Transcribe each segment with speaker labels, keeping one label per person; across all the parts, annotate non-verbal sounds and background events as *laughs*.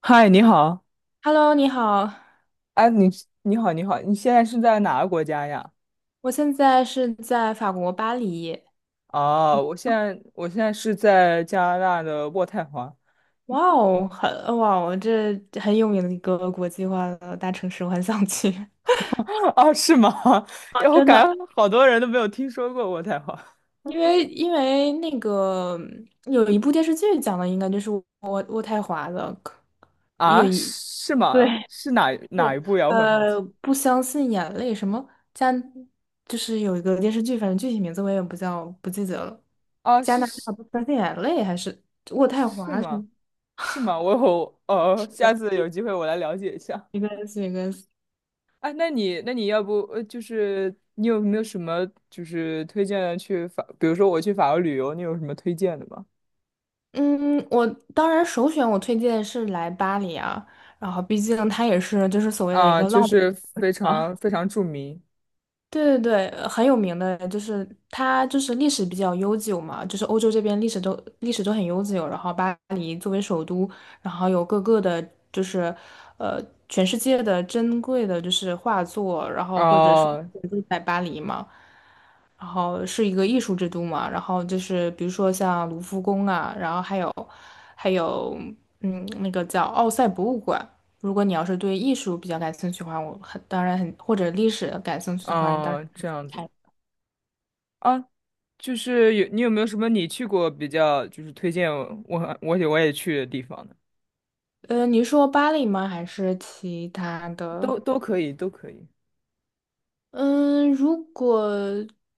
Speaker 1: 嗨，你好，
Speaker 2: Hello，你好，
Speaker 1: 哎，你好，你好，你现在是在哪个国家呀？
Speaker 2: 我现在是在法国巴黎。
Speaker 1: 哦，我现在是在加拿大的渥太华。
Speaker 2: 哇哦，这很有名的一个国际化的大城市，我很想去。
Speaker 1: *laughs* 哦，是吗？*laughs* 哎，
Speaker 2: *laughs*
Speaker 1: 我
Speaker 2: 真
Speaker 1: 感
Speaker 2: 的，
Speaker 1: 觉好多人都没有听说过渥太华。
Speaker 2: 因为那个有一部电视剧讲的，应该就是渥太华的，有
Speaker 1: 啊，
Speaker 2: 一
Speaker 1: 是
Speaker 2: *laughs* 对
Speaker 1: 吗？是哪一
Speaker 2: 是
Speaker 1: 部呀？我很好奇。
Speaker 2: 不相信眼泪什么加，就是有一个电视剧，反正具体名字我也不记得了。
Speaker 1: 啊，
Speaker 2: 加
Speaker 1: 是
Speaker 2: 拿
Speaker 1: 是
Speaker 2: 大不相信眼泪还是渥太
Speaker 1: 是
Speaker 2: 华什
Speaker 1: 吗？
Speaker 2: 么
Speaker 1: 是吗？我哦，下次有机会我来了解一下。
Speaker 2: 一个一个
Speaker 1: 哎，那你要不就是你有没有什么就是推荐的去法，比如说我去法国旅游，你有什么推荐的吗？
Speaker 2: 嗯，我当然首选我推荐是来巴黎啊，然后毕竟它也是就是所谓的一
Speaker 1: 啊，
Speaker 2: 个
Speaker 1: 就
Speaker 2: 浪
Speaker 1: 是非
Speaker 2: 漫。
Speaker 1: 常非常著名。
Speaker 2: 对对对，很有名的，就是它就是历史比较悠久嘛，就是欧洲这边历史都很悠久，然后巴黎作为首都，然后有各个的，就是呃全世界的珍贵的就是画作，然后或者是
Speaker 1: 哦
Speaker 2: 都在巴黎嘛，然后是一个艺术之都嘛，然后就是比如说像卢浮宫啊，然后还有那个叫奥赛博物馆，如果你要是对艺术比较感兴趣的话，我很当然很或者历史感兴趣的话，你当然
Speaker 1: 哦，
Speaker 2: 可以
Speaker 1: 这
Speaker 2: 去
Speaker 1: 样子。
Speaker 2: 看。
Speaker 1: 啊，就是有你有没有什么你去过比较就是推荐我也我也去的地方呢？
Speaker 2: 你说巴黎吗？还是其他的？
Speaker 1: 都可以，都可以。
Speaker 2: 嗯，如果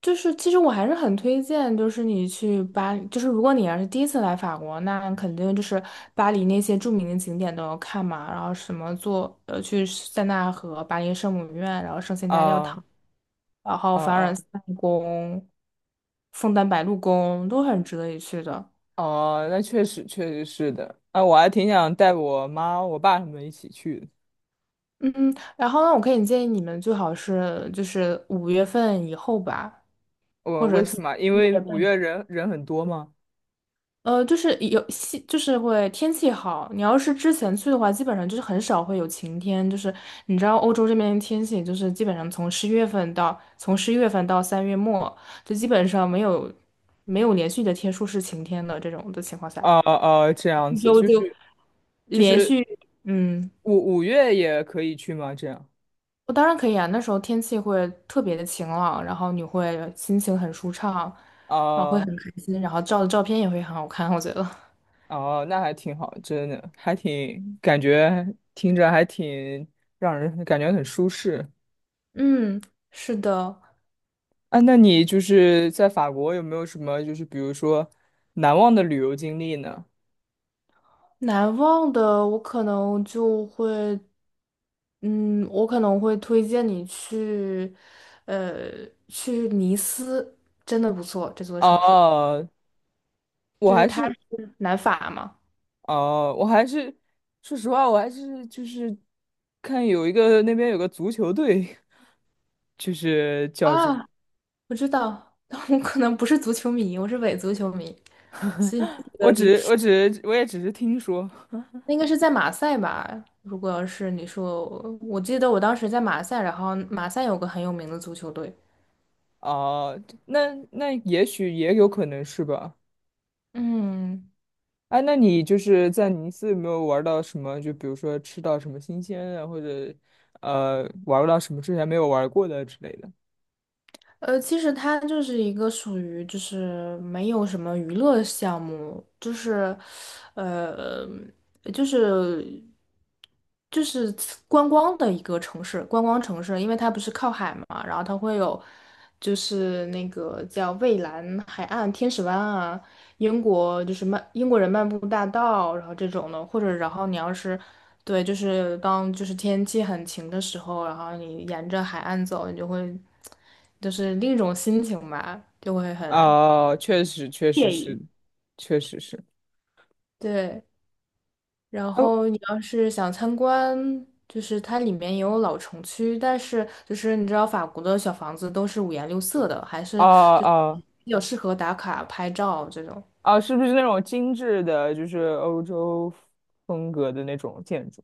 Speaker 2: 就是其实我还是很推荐，就是你去巴黎，就是如果你要是第一次来法国，那肯定就是巴黎那些著名的景点都要看嘛，然后什么坐去塞纳河、巴黎圣母院，然后圣心大教
Speaker 1: 啊
Speaker 2: 堂，然后
Speaker 1: 啊
Speaker 2: 凡尔
Speaker 1: 啊。
Speaker 2: 赛宫、枫丹白露宫都很值得一去的。
Speaker 1: 哦，那确实是的啊，我还挺想带我妈我爸他们一起去的。
Speaker 2: 嗯，然后呢，我可以建议你们最好是就是5月份以后吧，或
Speaker 1: 我为
Speaker 2: 者
Speaker 1: 什
Speaker 2: 四
Speaker 1: 么？因为
Speaker 2: 月
Speaker 1: 五
Speaker 2: 半。
Speaker 1: 月人人很多吗？
Speaker 2: 就是有西，就是会天气好。你要是之前去的话，基本上就是很少会有晴天。就是你知道欧洲这边的天气，就是基本上从十月份到3月末，就基本上没有连续的天数是晴天的这种的情况下，
Speaker 1: 啊啊，这样
Speaker 2: 一
Speaker 1: 子
Speaker 2: 周
Speaker 1: 就
Speaker 2: 就
Speaker 1: 是就
Speaker 2: 连
Speaker 1: 是
Speaker 2: 续嗯。
Speaker 1: 五月也可以去吗？这样。
Speaker 2: 我当然可以啊，那时候天气会特别的晴朗，然后你会心情很舒畅，
Speaker 1: 啊。
Speaker 2: 然后会很
Speaker 1: 哦
Speaker 2: 开心，然后照的照片也会很好看，我觉得。
Speaker 1: 哦，那还挺好，真的，还挺感觉听着还挺让人感觉很舒适。
Speaker 2: 嗯，是的，
Speaker 1: 啊，那你就是在法国有没有什么就是比如说难忘的旅游经历呢？
Speaker 2: 难忘的我可能就会，嗯，我可能会推荐你去，呃，去尼斯，真的不错，这座城市，
Speaker 1: 哦，我
Speaker 2: 就是
Speaker 1: 还
Speaker 2: 它
Speaker 1: 是
Speaker 2: 是南法嘛。
Speaker 1: 哦，我还是说实话，我还是就是看有一个那边有个足球队，*laughs* 就是叫这个，
Speaker 2: 啊，我知道，*laughs* 但我可能不是足球迷，我是伪足球迷。所以你记
Speaker 1: 我
Speaker 2: 得比
Speaker 1: 只我只我也只是听说。
Speaker 2: 那应该是在马赛吧？如果要是你说，我记得我当时在马赛，然后马赛有个很有名的足球队。
Speaker 1: 哦，那也许也有可能是吧。
Speaker 2: 嗯，
Speaker 1: 哎，那你就是在尼斯有没有玩到什么？就比如说吃到什么新鲜的，或者玩到什么之前没有玩过的之类的？
Speaker 2: 其实它就是一个属于就是没有什么娱乐项目，就是，呃，就是就是观光的一个城市，观光城市，因为它不是靠海嘛，然后它会有就是那个叫蔚蓝海岸、天使湾啊。英国就是英国人漫步大道，然后这种的，或者然后你要是对，就是当就是天气很晴的时候，然后你沿着海岸走，你就会就是另一种心情吧，就会很
Speaker 1: 哦，确实，确实是，确实是。
Speaker 2: 对。然
Speaker 1: 哦，
Speaker 2: 后你要是想参观，就是它里面也有老城区，但是就是你知道法国的小房子都是五颜六色的，还
Speaker 1: 哦
Speaker 2: 是就是
Speaker 1: 哦
Speaker 2: 比较适合打卡拍照这种。
Speaker 1: 哦，是不是那种精致的，就是欧洲风格的那种建筑？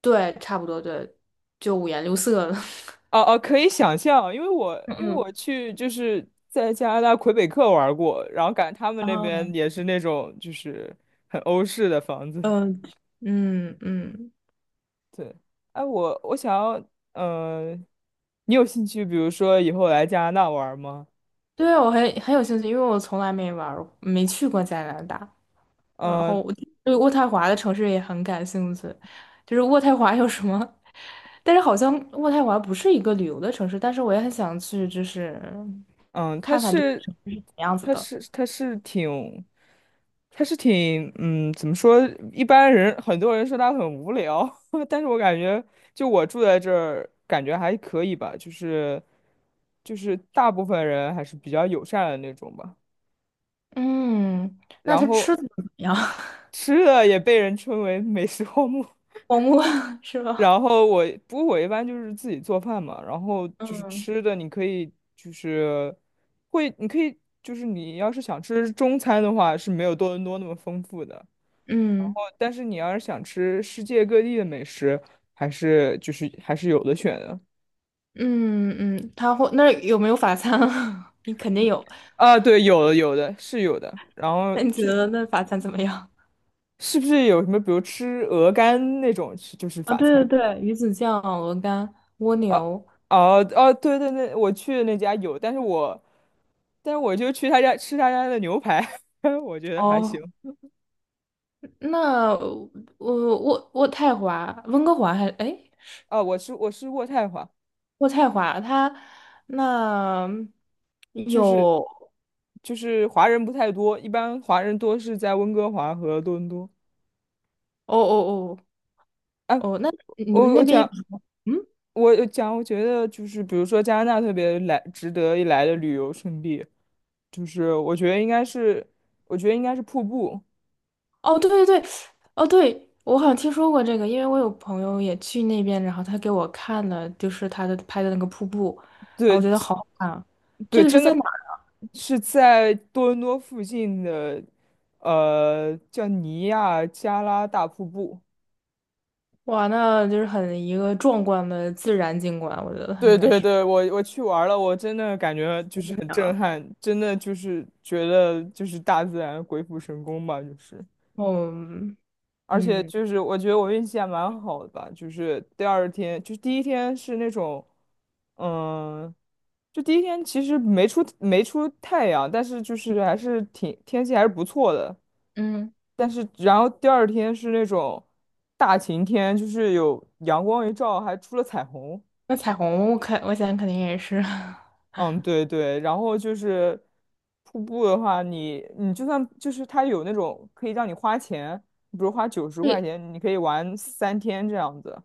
Speaker 2: 对，差不多对，就五颜六色的。
Speaker 1: 哦哦，可以想象，因为我
Speaker 2: *laughs*
Speaker 1: 因为
Speaker 2: 嗯
Speaker 1: 我去就是在加拿大魁北克玩过，然后感觉他们那
Speaker 2: 嗯。
Speaker 1: 边也是那种就是很欧式的房子。
Speaker 2: 嗯、嗯嗯，
Speaker 1: 对，哎，我想要，呃，你有兴趣，比如说以后来加拿大玩儿吗？
Speaker 2: 对，我很有兴趣，因为我从来没玩儿，没去过加拿大。然后
Speaker 1: 嗯
Speaker 2: 我对渥太华的城市也很感兴趣，就是渥太华有什么？但是好像渥太华不是一个旅游的城市，但是我也很想去，就是
Speaker 1: 嗯，他是，
Speaker 2: 是什么样子
Speaker 1: 他
Speaker 2: 的？
Speaker 1: 是，他是挺，他是挺，怎么说？一般人很多人说他很无聊，*laughs* 但是我感觉，就我住在这儿，感觉还可以吧，就是大部分人还是比较友善的那种吧。
Speaker 2: 嗯，那
Speaker 1: 然
Speaker 2: 它吃
Speaker 1: 后
Speaker 2: 的怎么样？
Speaker 1: 吃的也被人称为美食荒漠。
Speaker 2: *laughs* 黄瓜 *laughs* 是吧？
Speaker 1: 然后我，不过我一般就是自己做饭嘛，然后就是
Speaker 2: 嗯，
Speaker 1: 吃的，你可以就是会，你可以就是你要是想吃中餐的话，是没有多伦多那么丰富的，
Speaker 2: 嗯
Speaker 1: 但是你要是想吃世界各地的美食，还是有的选的。
Speaker 2: 嗯嗯，它会那儿有没有法餐啊？*laughs* 你肯定有，
Speaker 1: 啊，对，有的有的是有的，然后
Speaker 2: 那你觉
Speaker 1: 就
Speaker 2: 得那法餐怎么样？
Speaker 1: 是不是有什么，比如吃鹅肝那种，是就是
Speaker 2: 啊，
Speaker 1: 法
Speaker 2: 对
Speaker 1: 餐。
Speaker 2: 对对，鱼子酱、鹅肝、蜗
Speaker 1: 啊，
Speaker 2: 牛。
Speaker 1: 哦哦，对对对，我去的那家有，但是我就去他家吃他家的牛排，*laughs* 我觉得还
Speaker 2: 哦，
Speaker 1: 行。
Speaker 2: 那我渥太华、温哥华还哎，
Speaker 1: 啊，我吃渥太华，
Speaker 2: 渥太华它那
Speaker 1: 就是
Speaker 2: 有
Speaker 1: 就是华人不太多，一般华人多是在温哥华和多伦多。
Speaker 2: 哦哦
Speaker 1: 啊，
Speaker 2: 哦哦，那你们
Speaker 1: 我
Speaker 2: 那
Speaker 1: 我
Speaker 2: 边有
Speaker 1: 讲
Speaker 2: 什么？嗯，
Speaker 1: 我讲，我觉得就是比如说加拿大特别来值得一来的旅游胜地，就是我觉得应该是瀑布。
Speaker 2: 哦对对对，哦对，我好像听说过这个，因为我有朋友也去那边，然后他给我看了，就是他的拍的那个瀑布，然后我
Speaker 1: 对，
Speaker 2: 觉得好好看啊这
Speaker 1: 对，
Speaker 2: 个是
Speaker 1: 真
Speaker 2: 在
Speaker 1: 的
Speaker 2: 哪儿？
Speaker 1: 是在多伦多附近的，叫尼亚加拉大瀑布。
Speaker 2: 哇，那就是很一个壮观的自然景观，我觉得
Speaker 1: 对
Speaker 2: 应该
Speaker 1: 对
Speaker 2: 是。
Speaker 1: 对，我去玩儿了，我真的感觉就是很震撼，真的就是觉得就是大自然鬼斧神工吧，就是。
Speaker 2: 哦，
Speaker 1: 而且
Speaker 2: 嗯，
Speaker 1: 就是我觉得我运气还蛮好的吧，就是第二天，就是第一天是那种，嗯，就第一天其实没出太阳，但是就是还是挺天气还是不错的，
Speaker 2: 嗯，
Speaker 1: 但是然后第二天是那种大晴天，就是有阳光一照，还出了彩虹。
Speaker 2: 那彩虹我肯，我想肯定也是，*laughs*
Speaker 1: 嗯，对对，然后就是瀑布的话你就算就是它有那种可以让你花钱，比如花九十块
Speaker 2: 对，
Speaker 1: 钱，你可以玩3天这样子。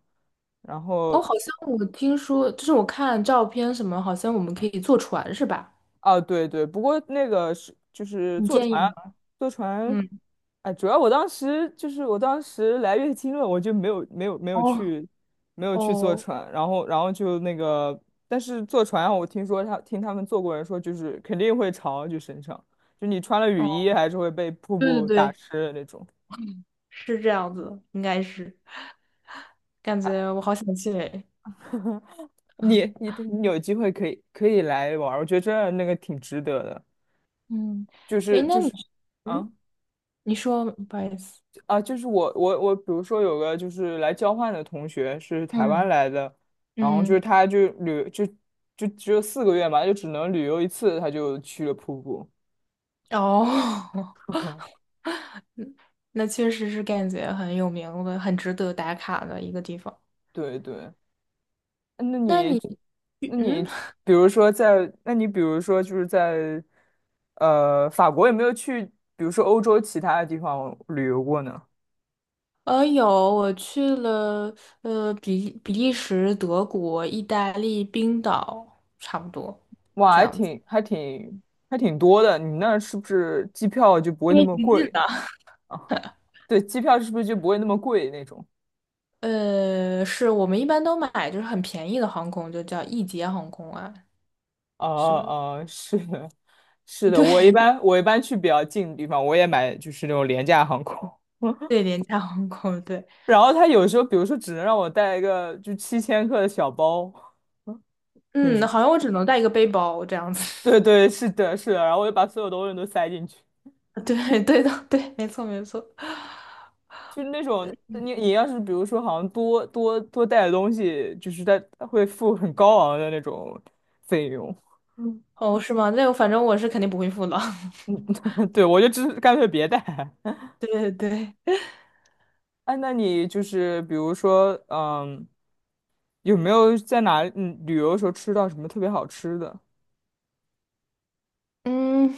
Speaker 1: 然后
Speaker 2: 哦，好像我听说，就是我看照片什么，好像我们可以坐船是吧？
Speaker 1: 啊，对对，不过那个是就是
Speaker 2: 你
Speaker 1: 坐
Speaker 2: 建议
Speaker 1: 船，
Speaker 2: 吗？
Speaker 1: 坐船，
Speaker 2: 嗯，
Speaker 1: 哎，主要我当时就是我当时来月经了，我就没有没有没有
Speaker 2: 哦
Speaker 1: 去没有去坐
Speaker 2: 哦
Speaker 1: 船，然后就那个，但是坐船啊我听说他们坐过人说，就是肯定会潮，就身上，就你穿了雨
Speaker 2: 哦，
Speaker 1: 衣还是会被瀑
Speaker 2: 对对
Speaker 1: 布打
Speaker 2: 对，
Speaker 1: 湿的那种。
Speaker 2: 是这样子，应该是，感觉我好想去诶，
Speaker 1: *laughs* 你有机会可以来玩儿我觉得真的那个挺值得的，
Speaker 2: 嗯，
Speaker 1: 就
Speaker 2: 诶，
Speaker 1: 是
Speaker 2: 那
Speaker 1: 就
Speaker 2: 你，
Speaker 1: 是
Speaker 2: 嗯，
Speaker 1: 啊。
Speaker 2: 你说，不好意思，
Speaker 1: 啊，就是我，比如说有个就是来交换的同学是台湾
Speaker 2: 嗯，
Speaker 1: 来的，然后就是
Speaker 2: 嗯，
Speaker 1: 他就旅就就只有4个月嘛，就只能旅游一次，他就去了瀑布。
Speaker 2: 哦，*laughs* 那确实是感觉很有名的，很值得打卡的一个地方。
Speaker 1: 对对，那
Speaker 2: 那
Speaker 1: 你
Speaker 2: 你，
Speaker 1: 那你
Speaker 2: 嗯。
Speaker 1: 比如说在那你比如说就是在法国有没有去比如说欧洲其他的地方旅游过呢？
Speaker 2: 有，我去了，比利时、德国、意大利、冰岛，差不多
Speaker 1: 哇，
Speaker 2: 这
Speaker 1: 还
Speaker 2: 样子。
Speaker 1: 挺还挺还挺多的，你那儿是不是机票就不会
Speaker 2: 因
Speaker 1: 那
Speaker 2: 为
Speaker 1: 么
Speaker 2: 挺近
Speaker 1: 贵
Speaker 2: 的。
Speaker 1: 啊？对，机票是不是就不会那么贵那种？
Speaker 2: 是我们一般都买就是很便宜的航空，就叫易捷航空啊，
Speaker 1: 哦
Speaker 2: 是吧？
Speaker 1: 哦，是的，是
Speaker 2: *laughs*
Speaker 1: 的，
Speaker 2: 对
Speaker 1: 我一般去比较近的地方，我也买就是那种廉价航空，
Speaker 2: 对，
Speaker 1: *laughs*
Speaker 2: 廉价航空，对。
Speaker 1: 然后他有时候比如说只能让我带一个就7千克的小包那
Speaker 2: 嗯，
Speaker 1: 种，
Speaker 2: 好像我只能带一个背包这样子。
Speaker 1: 对对，是的，是的，然后我就把所有东西都塞进去，
Speaker 2: *laughs* 对对的，对，没错没错。
Speaker 1: 就是那种你要是比如说好像多带的东西，就是它它会付很高昂的那种费用，
Speaker 2: 哦，是吗？那我反正我是肯定不会付了。*laughs*
Speaker 1: *laughs* 对，我就只干脆别带。*laughs*
Speaker 2: 对对对，
Speaker 1: 哎，那你就是比如说，有没有在哪旅游的时候吃到什么特别好吃的？
Speaker 2: 嗯。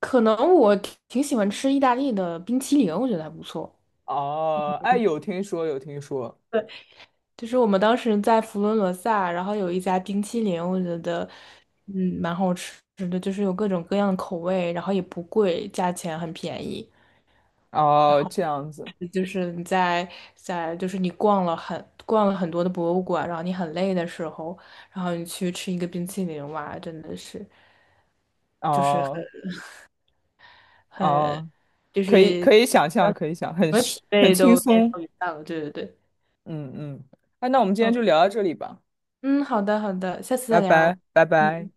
Speaker 2: 可能我挺喜欢吃意大利的冰淇淋，我觉得还不错。
Speaker 1: 哦，哎，有听说，有听说。
Speaker 2: 对，就是我们当时在佛罗伦萨，然后有一家冰淇淋，我觉得嗯蛮好吃的，就是有各种各样的口味，然后也不贵，价钱很便宜。然
Speaker 1: 哦，
Speaker 2: 后
Speaker 1: 这样子。
Speaker 2: 就是你在你逛了很多的博物馆，然后你很累的时候，然后你去吃一个冰淇淋，哇，真的是
Speaker 1: 哦
Speaker 2: 很
Speaker 1: 哦，
Speaker 2: 就
Speaker 1: 可以
Speaker 2: 是
Speaker 1: 可以想
Speaker 2: 什
Speaker 1: 象，可以想，很
Speaker 2: 么疲
Speaker 1: 很
Speaker 2: 惫
Speaker 1: 轻
Speaker 2: 都烟
Speaker 1: 松。
Speaker 2: 消云散了。对对对，
Speaker 1: 嗯嗯。哎，那我们今天
Speaker 2: 嗯
Speaker 1: 就聊到这里吧，
Speaker 2: 嗯，好的好的，下次
Speaker 1: 拜
Speaker 2: 再聊。
Speaker 1: 拜，拜
Speaker 2: 嗯，
Speaker 1: 拜。